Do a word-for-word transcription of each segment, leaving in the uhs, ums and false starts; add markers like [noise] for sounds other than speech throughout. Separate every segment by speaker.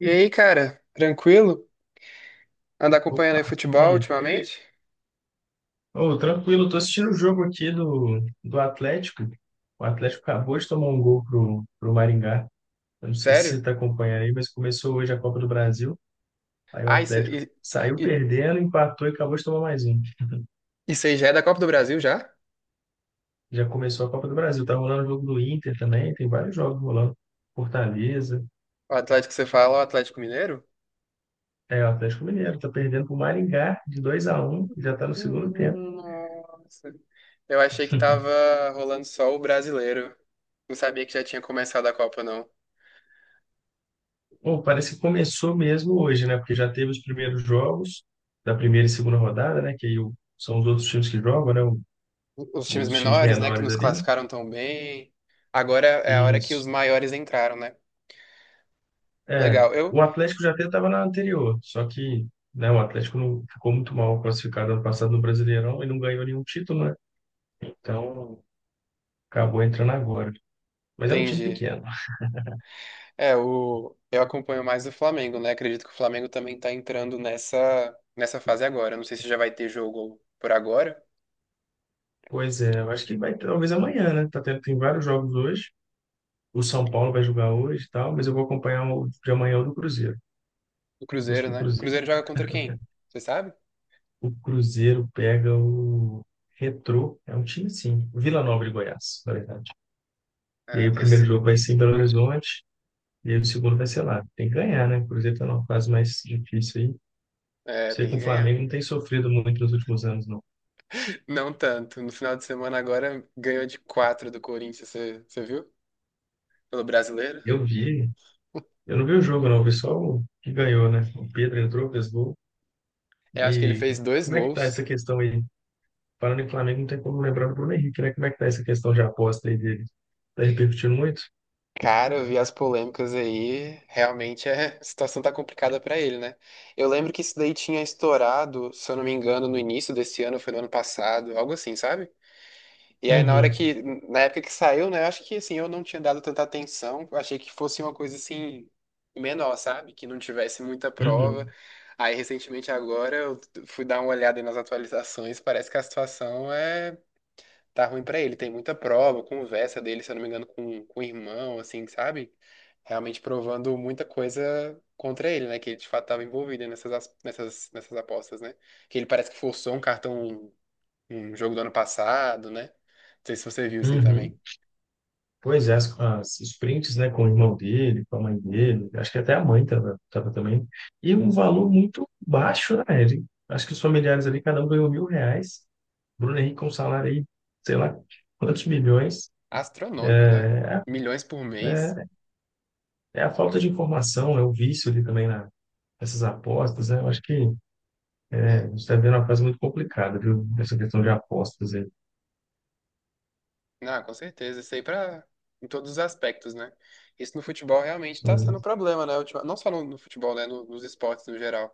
Speaker 1: E aí, cara, tranquilo? Anda acompanhando
Speaker 2: Opa,
Speaker 1: aí
Speaker 2: e
Speaker 1: futebol
Speaker 2: aí?
Speaker 1: ultimamente?
Speaker 2: Ô, tranquilo, tô assistindo o jogo aqui do, do Atlético. O Atlético acabou de tomar um gol pro, pro Maringá. Eu não sei se
Speaker 1: Sério?
Speaker 2: você tá acompanhando aí, mas começou hoje a Copa do Brasil. Aí o
Speaker 1: Ah, isso,
Speaker 2: Atlético
Speaker 1: e-
Speaker 2: saiu
Speaker 1: e-
Speaker 2: perdendo, empatou e acabou de tomar mais um.
Speaker 1: isso aí já é da Copa do Brasil já?
Speaker 2: Já começou a Copa do Brasil. Tá rolando o jogo do Inter também, tem vários jogos rolando. Fortaleza,
Speaker 1: O Atlético que você fala, o Atlético Mineiro?
Speaker 2: é o Atlético Mineiro, tá perdendo pro Maringá de dois a um. Já tá no segundo tempo.
Speaker 1: Hum, Nossa. Eu achei que
Speaker 2: [laughs]
Speaker 1: tava rolando só o brasileiro. Não sabia que já tinha começado a Copa, não.
Speaker 2: Pô, parece que começou mesmo hoje, né? Porque já teve os primeiros jogos da primeira e segunda rodada, né? Que aí o- são os outros times que jogam, né? o-
Speaker 1: Os times
Speaker 2: Os times
Speaker 1: menores, né, que
Speaker 2: menores
Speaker 1: nos
Speaker 2: ali.
Speaker 1: classificaram tão bem. Agora é a hora que os
Speaker 2: Isso.
Speaker 1: maiores entraram, né?
Speaker 2: É,
Speaker 1: Legal, eu
Speaker 2: o Atlético já até estava na anterior, só que, né, o Atlético não ficou muito mal classificado ano passado no Brasileirão e não ganhou nenhum título, né? Então, acabou entrando agora. Mas é um time
Speaker 1: entendi.
Speaker 2: pequeno.
Speaker 1: É, o... eu acompanho mais o Flamengo, né? Acredito que o Flamengo também tá entrando nessa, nessa fase agora. Não sei se já vai ter jogo por agora.
Speaker 2: Pois é, eu acho que vai talvez amanhã, né? Tá tendo, tem vários jogos hoje. O São Paulo vai jogar hoje e tal, mas eu vou acompanhar o de amanhã o do Cruzeiro.
Speaker 1: O
Speaker 2: O
Speaker 1: Cruzeiro,
Speaker 2: do
Speaker 1: né? O
Speaker 2: Cruzeiro.
Speaker 1: Cruzeiro joga contra quem? Você sabe?
Speaker 2: O Cruzeiro pega o Retrô, é um time sim, Vila Nova de Goiás, na verdade. E aí
Speaker 1: Ah,
Speaker 2: o primeiro
Speaker 1: esse...
Speaker 2: jogo vai ser em Belo Horizonte, e aí o segundo vai ser lá. Tem que ganhar, né? O Cruzeiro tá numa fase mais difícil aí.
Speaker 1: É,
Speaker 2: Você
Speaker 1: tem
Speaker 2: com
Speaker 1: que
Speaker 2: o
Speaker 1: ganhar.
Speaker 2: Flamengo não tem sofrido muito nos últimos anos, não.
Speaker 1: Não tanto. No final de semana agora ganhou de quatro do Corinthians, você, você viu? Pelo brasileiro.
Speaker 2: Eu vi, eu não vi o jogo, não, eu vi só o que ganhou, né? O Pedro entrou, fez gol.
Speaker 1: Eu acho que ele
Speaker 2: E
Speaker 1: fez dois
Speaker 2: como é que tá
Speaker 1: gols.
Speaker 2: essa questão aí? Falando em Flamengo, não tem como lembrar do Bruno Henrique, né? Como é que tá essa questão de aposta aí dele? Tá repercutindo muito?
Speaker 1: Cara, eu vi as polêmicas aí, realmente é- a situação tá complicada pra ele, né? Eu lembro que isso daí tinha estourado, se eu não me engano, no início desse ano, foi no ano passado, algo assim, sabe? E aí na hora
Speaker 2: Uhum,
Speaker 1: que, na época que saiu, né, eu acho que assim, eu não tinha dado tanta atenção, eu achei que fosse uma coisa assim menor, sabe? Que não tivesse muita prova.
Speaker 2: uhum,
Speaker 1: Aí recentemente agora eu fui dar uma olhada aí nas atualizações, parece que a situação é tá ruim pra ele. Tem muita prova, conversa dele, se eu não me engano, com, com o irmão, assim, sabe? Realmente provando muita coisa contra ele, né? Que ele de fato estava envolvido nessas, as- nessas, nessas apostas, né? Que ele parece que forçou um cartão, um um jogo do ano passado, né? Não sei se você viu isso aí
Speaker 2: uhum.
Speaker 1: também.
Speaker 2: Pois é, as, as- os prints, né, com o irmão dele, com a mãe dele,
Speaker 1: Uhum.
Speaker 2: acho que até a mãe estava tava tava também, e um valor muito baixo, né? Ele, acho que os familiares ali, cada um ganhou mil reais, Bruno Henrique com um salário aí, sei lá, quantos milhões,
Speaker 1: Astronômico, né? Milhões por mês.
Speaker 2: é, é a falta de informação, é o vício ali também na, nessas apostas, né? Eu acho que a
Speaker 1: É.
Speaker 2: gente está vendo uma fase muito complicada, viu? Essa questão de apostas aí.
Speaker 1: Não, com certeza. Isso aí pra, em todos os aspectos, né? Isso no futebol realmente tá
Speaker 2: Sim.
Speaker 1: sendo um problema, né? Ultima- Não só no, no futebol, né? No- nos esportes no geral.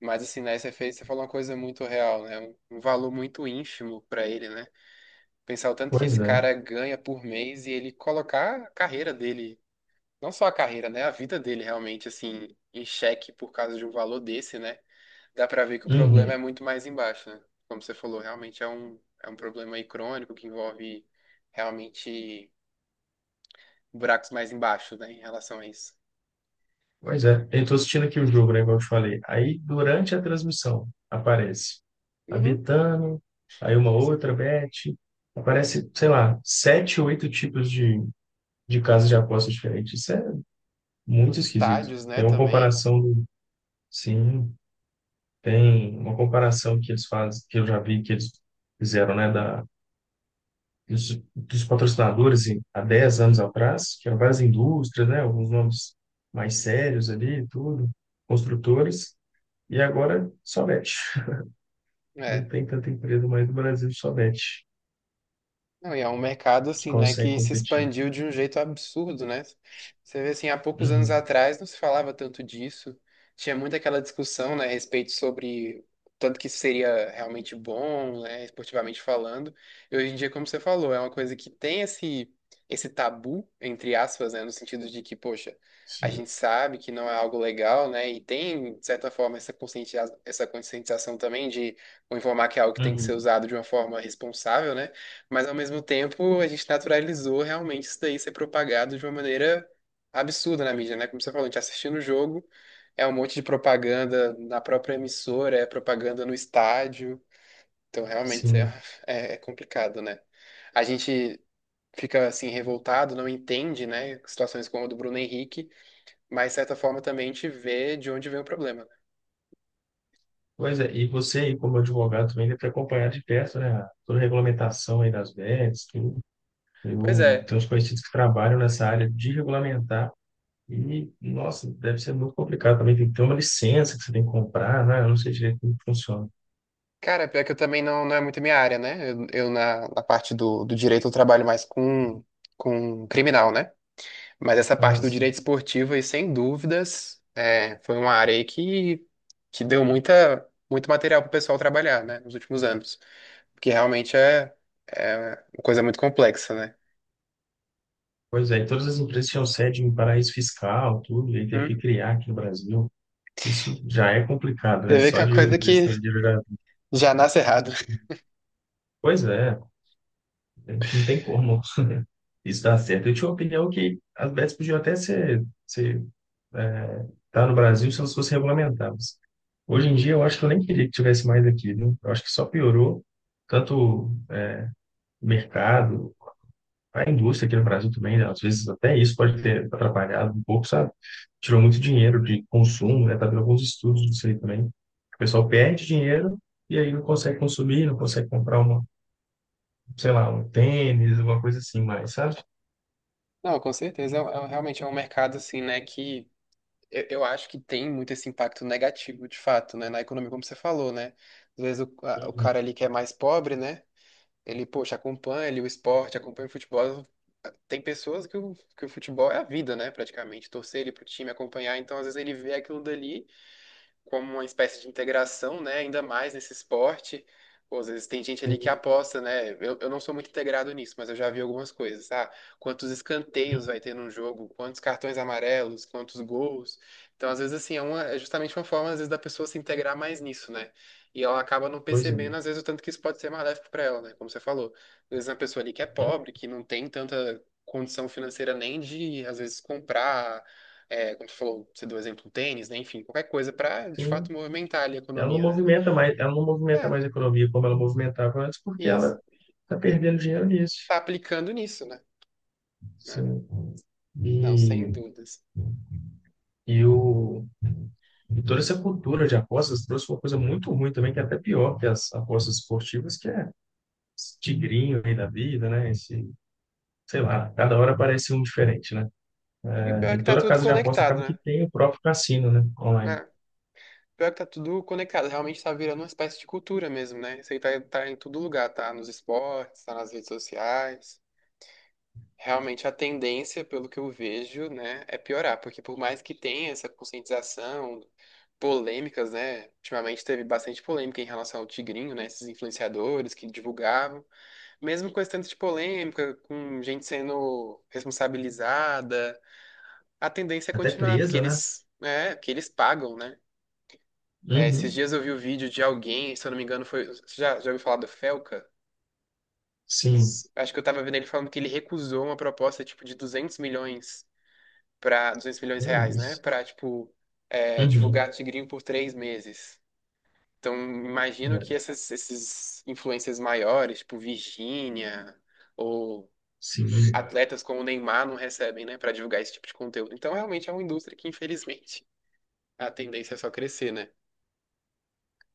Speaker 1: Mas assim, na S F A você falou uma coisa muito real, né? Um um valor muito ínfimo pra ele, né? Pensar o tanto que
Speaker 2: Pois
Speaker 1: esse
Speaker 2: é.
Speaker 1: cara ganha por mês e ele colocar a carreira dele, não só a carreira, né? A vida dele realmente, assim, em xeque por causa de um valor desse, né? Dá pra ver que o problema é
Speaker 2: Uhum.
Speaker 1: muito mais embaixo, né? Como você falou, realmente é um, é um problema aí crônico que envolve realmente buracos mais embaixo, né? Em relação a isso.
Speaker 2: Pois é, eu estou assistindo aqui o jogo, né, igual eu te falei. Aí, durante a transmissão, aparece a
Speaker 1: Uhum,
Speaker 2: Betano, aí uma
Speaker 1: sim.
Speaker 2: outra Bet, aparece, sei lá, sete, oito tipos de, de casas de apostas diferentes. Isso é
Speaker 1: Nos
Speaker 2: muito esquisito.
Speaker 1: estádios, né,
Speaker 2: Tem uma
Speaker 1: também.
Speaker 2: comparação do, sim, tem uma comparação que eles fazem, que eu já vi que eles fizeram, né, da, dos, dos patrocinadores em- há dez anos atrás, que eram várias indústrias, né, alguns nomes mais sérios ali, tudo, construtores. E agora só mete. Não tem tanta empresa mais no Brasil, só mete,
Speaker 1: Não, e é um mercado
Speaker 2: que
Speaker 1: assim, né,
Speaker 2: consegue
Speaker 1: que se
Speaker 2: competir.
Speaker 1: expandiu de um jeito absurdo, né? Você vê assim, há poucos anos
Speaker 2: Uhum,
Speaker 1: atrás não se falava tanto disso. Tinha muito aquela discussão, né, a respeito sobre tanto que isso seria realmente bom, né, esportivamente falando. E hoje em dia, como você falou, é uma coisa que tem esse esse tabu, entre aspas, né, no sentido de que, poxa, a
Speaker 2: sim,
Speaker 1: gente sabe que não é algo legal, né? E tem, de certa forma, essa conscientização, essa conscientização também de informar que é algo que tem que ser
Speaker 2: uhum,
Speaker 1: usado de uma forma responsável, né? Mas ao mesmo tempo, a gente naturalizou realmente isso daí ser propagado de uma maneira absurda na mídia, né? Como você falou, a gente tá assistindo o jogo, é um monte de propaganda na própria emissora, é propaganda no estádio. Então, realmente é,
Speaker 2: sim.
Speaker 1: é é complicado, né? A gente fica assim revoltado, não entende, né? Situações como a do Bruno Henrique, mas de certa forma também a gente vê de onde vem o problema.
Speaker 2: Pois é, e você aí como advogado também deve acompanhar de perto, né, a- toda a regulamentação aí das V E Ts, tudo.
Speaker 1: Pois
Speaker 2: Eu
Speaker 1: é.
Speaker 2: tenho uns conhecidos que trabalham nessa área de regulamentar e, nossa, deve ser muito complicado também. Tem que ter uma licença que você tem que comprar, né? Eu não sei direito como funciona.
Speaker 1: Cara, pior que eu também não, não é muito minha área, né? Eu, eu na, na parte do, do direito eu trabalho mais com, com criminal, né? Mas essa parte
Speaker 2: Ah,
Speaker 1: do
Speaker 2: sim.
Speaker 1: direito esportivo aí, sem dúvidas, é, foi uma área aí que, que deu muita, muito material pro pessoal trabalhar, né? Nos últimos anos. Porque realmente é, é uma coisa muito complexa, né?
Speaker 2: Pois é, e todas as empresas tinham sede em paraíso fiscal, tudo, e aí teve que
Speaker 1: Hum.
Speaker 2: criar aqui no Brasil. Isso já é complicado, né?
Speaker 1: Você vê que
Speaker 2: Só
Speaker 1: é uma
Speaker 2: de uma
Speaker 1: coisa
Speaker 2: empresa
Speaker 1: que
Speaker 2: estrangeira já...
Speaker 1: já nasce errado. [laughs]
Speaker 2: Pois é, não tem como isso dar certo. Eu tinha uma opinião que as bets podiam até ser, ser é, tá no Brasil se elas fossem regulamentadas. Hoje em dia, eu acho que eu nem queria que tivesse mais aqui, né? Eu acho que só piorou tanto o mercado, a indústria aqui no Brasil também, né, às vezes até isso pode ter atrapalhado um pouco, sabe? Tirou muito dinheiro de consumo, né? Tá vendo alguns estudos disso aí também. O pessoal perde dinheiro e aí não consegue consumir, não consegue comprar uma, sei lá, um tênis, uma coisa assim mais, sabe?
Speaker 1: Não, com certeza. É, um- é um- realmente é um mercado, assim, né? Que Eu, eu acho que tem muito esse impacto negativo, de fato, né, na economia, como você falou, né? Às vezes o, a- o
Speaker 2: Uhum.
Speaker 1: cara ali que é mais pobre, né? Ele, poxa, acompanha ali o esporte, acompanha o futebol. Tem pessoas que o, que o futebol é a vida, né? Praticamente, torcer ele pro time, acompanhar. Então, às vezes ele vê aquilo dali como uma espécie de integração, né? Ainda mais nesse esporte. Pô, às vezes tem gente ali que
Speaker 2: Tem-
Speaker 1: aposta, né? Eu, eu não sou muito integrado nisso, mas eu já vi algumas coisas, ah, quantos escanteios
Speaker 2: tem
Speaker 1: vai ter num jogo, quantos cartões amarelos, quantos gols. Então, às vezes, assim, é, uma, é justamente uma forma, às vezes, da pessoa se integrar mais nisso, né? E ela acaba não
Speaker 2: Coisa.
Speaker 1: percebendo, às vezes, o tanto que isso pode ser maléfico para ela, né? Como você falou. Às vezes, uma pessoa ali que é
Speaker 2: não
Speaker 1: pobre, que não tem tanta condição financeira nem de, às vezes, comprar é, como você falou, você deu o exemplo do tênis, né? Enfim, qualquer coisa para de fato
Speaker 2: tem-
Speaker 1: movimentar ali a
Speaker 2: Ela não
Speaker 1: economia, né?
Speaker 2: movimenta mais, ela não movimenta
Speaker 1: É,
Speaker 2: mais a economia como ela movimentava antes, porque
Speaker 1: isso.
Speaker 2: ela está perdendo dinheiro nisso.
Speaker 1: Tá aplicando nisso, né? É.
Speaker 2: Sim.
Speaker 1: Não,
Speaker 2: E,
Speaker 1: sem dúvidas.
Speaker 2: e o E toda essa cultura de apostas trouxe uma coisa muito ruim também, que é até pior que as apostas esportivas, que é esse tigrinho aí da vida, né? Esse, sei lá, cada hora aparece um diferente, né?
Speaker 1: E o pior
Speaker 2: É,
Speaker 1: é
Speaker 2: e
Speaker 1: que tá
Speaker 2: toda
Speaker 1: tudo
Speaker 2: casa de aposta
Speaker 1: conectado,
Speaker 2: acaba que
Speaker 1: né?
Speaker 2: tem o próprio cassino, né? Online.
Speaker 1: É, o pior é que tá tudo conectado. Realmente tá virando uma espécie de cultura mesmo, né? Isso aí tá, tá em todo lugar, tá nos esportes, tá nas redes sociais. Realmente a tendência, pelo que eu vejo, né, é piorar, porque por mais que tenha essa conscientização, polêmicas, né, ultimamente teve bastante polêmica em relação ao Tigrinho, né, esses influenciadores que divulgavam, mesmo com esse tanto de polêmica, com gente sendo responsabilizada, a tendência é
Speaker 2: Até
Speaker 1: continuar, porque
Speaker 2: presa, né?
Speaker 1: eles, é, que eles pagam, né. É, esses
Speaker 2: Uhum.
Speaker 1: dias eu vi o vídeo de alguém, se eu não me engano, foi, você já, já ouviu falar do Felca?
Speaker 2: Sim,
Speaker 1: Acho que eu tava vendo ele falando que ele recusou uma proposta tipo de duzentos milhões para duzentos milhões de
Speaker 2: é
Speaker 1: reais, né?
Speaker 2: isso.
Speaker 1: Para, tipo, é,
Speaker 2: Uhum.
Speaker 1: divulgar Tigrinho por três meses. Então, imagino que
Speaker 2: É,
Speaker 1: essas, esses influencers maiores, tipo Virgínia, ou
Speaker 2: sim.
Speaker 1: atletas como o Neymar, não recebem, né? Para divulgar esse tipo de conteúdo. Então, realmente é uma indústria que, infelizmente, a tendência é só crescer, né?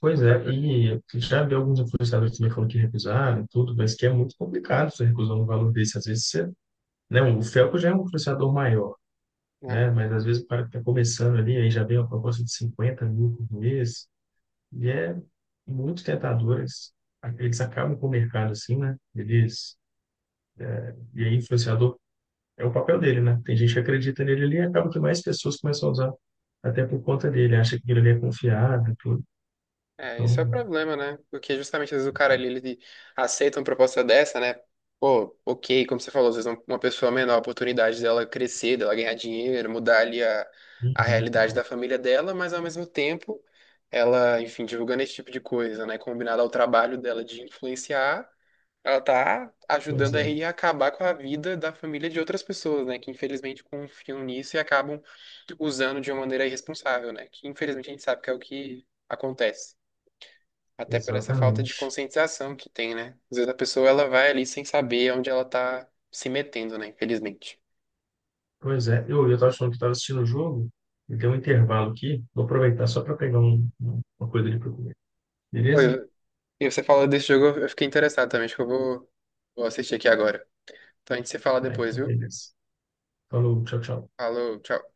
Speaker 2: Pois é, e eu já vi alguns influenciadores também falando que recusaram e tudo, mas que é muito complicado você recusar um valor desse. Às vezes você, né, o Felco já é um influenciador maior, né? Mas às vezes o cara que está começando ali, aí já vem uma proposta de cinquenta mil por mês, e é muito tentador. Eles, eles acabam com o mercado assim, né? Eles, e aí, influenciador é o papel dele, né? Tem gente que acredita nele ali e acaba que mais pessoas começam a usar, até por conta dele, acha que ele é confiável, tudo.
Speaker 1: É, isso é o
Speaker 2: Então,
Speaker 1: problema, né? Porque justamente às vezes o cara ali, ele aceita uma proposta dessa, né? Pô, ok, como você falou, às vezes um- uma pessoa menor, a oportunidade dela crescer, dela ganhar dinheiro, mudar ali a, a
Speaker 2: uhum.
Speaker 1: realidade da família dela, mas ao mesmo tempo, ela, enfim, divulgando esse tipo de coisa, né? Combinado ao trabalho dela de influenciar, ela tá
Speaker 2: Pois
Speaker 1: ajudando
Speaker 2: é,
Speaker 1: aí a acabar com a vida da família de outras pessoas, né? Que infelizmente confiam nisso e acabam usando de uma maneira irresponsável, né? Que infelizmente a gente sabe que é o que acontece. Até por essa falta de
Speaker 2: exatamente.
Speaker 1: conscientização que tem, né? Às vezes a pessoa ela vai ali sem saber onde ela tá se metendo, né? Infelizmente.
Speaker 2: Pois é, eu, eu estava achando que estava assistindo o jogo, e deu um intervalo aqui, vou aproveitar só para pegar um- um- uma coisa ali para comer.
Speaker 1: Oi,
Speaker 2: Beleza?
Speaker 1: eu- e você falou desse jogo, eu fiquei interessado também. Acho que eu vou, vou assistir aqui agora. Então a gente se fala
Speaker 2: Ah,
Speaker 1: depois,
Speaker 2: então
Speaker 1: viu?
Speaker 2: beleza. Falou, tchau, tchau.
Speaker 1: Falou, tchau.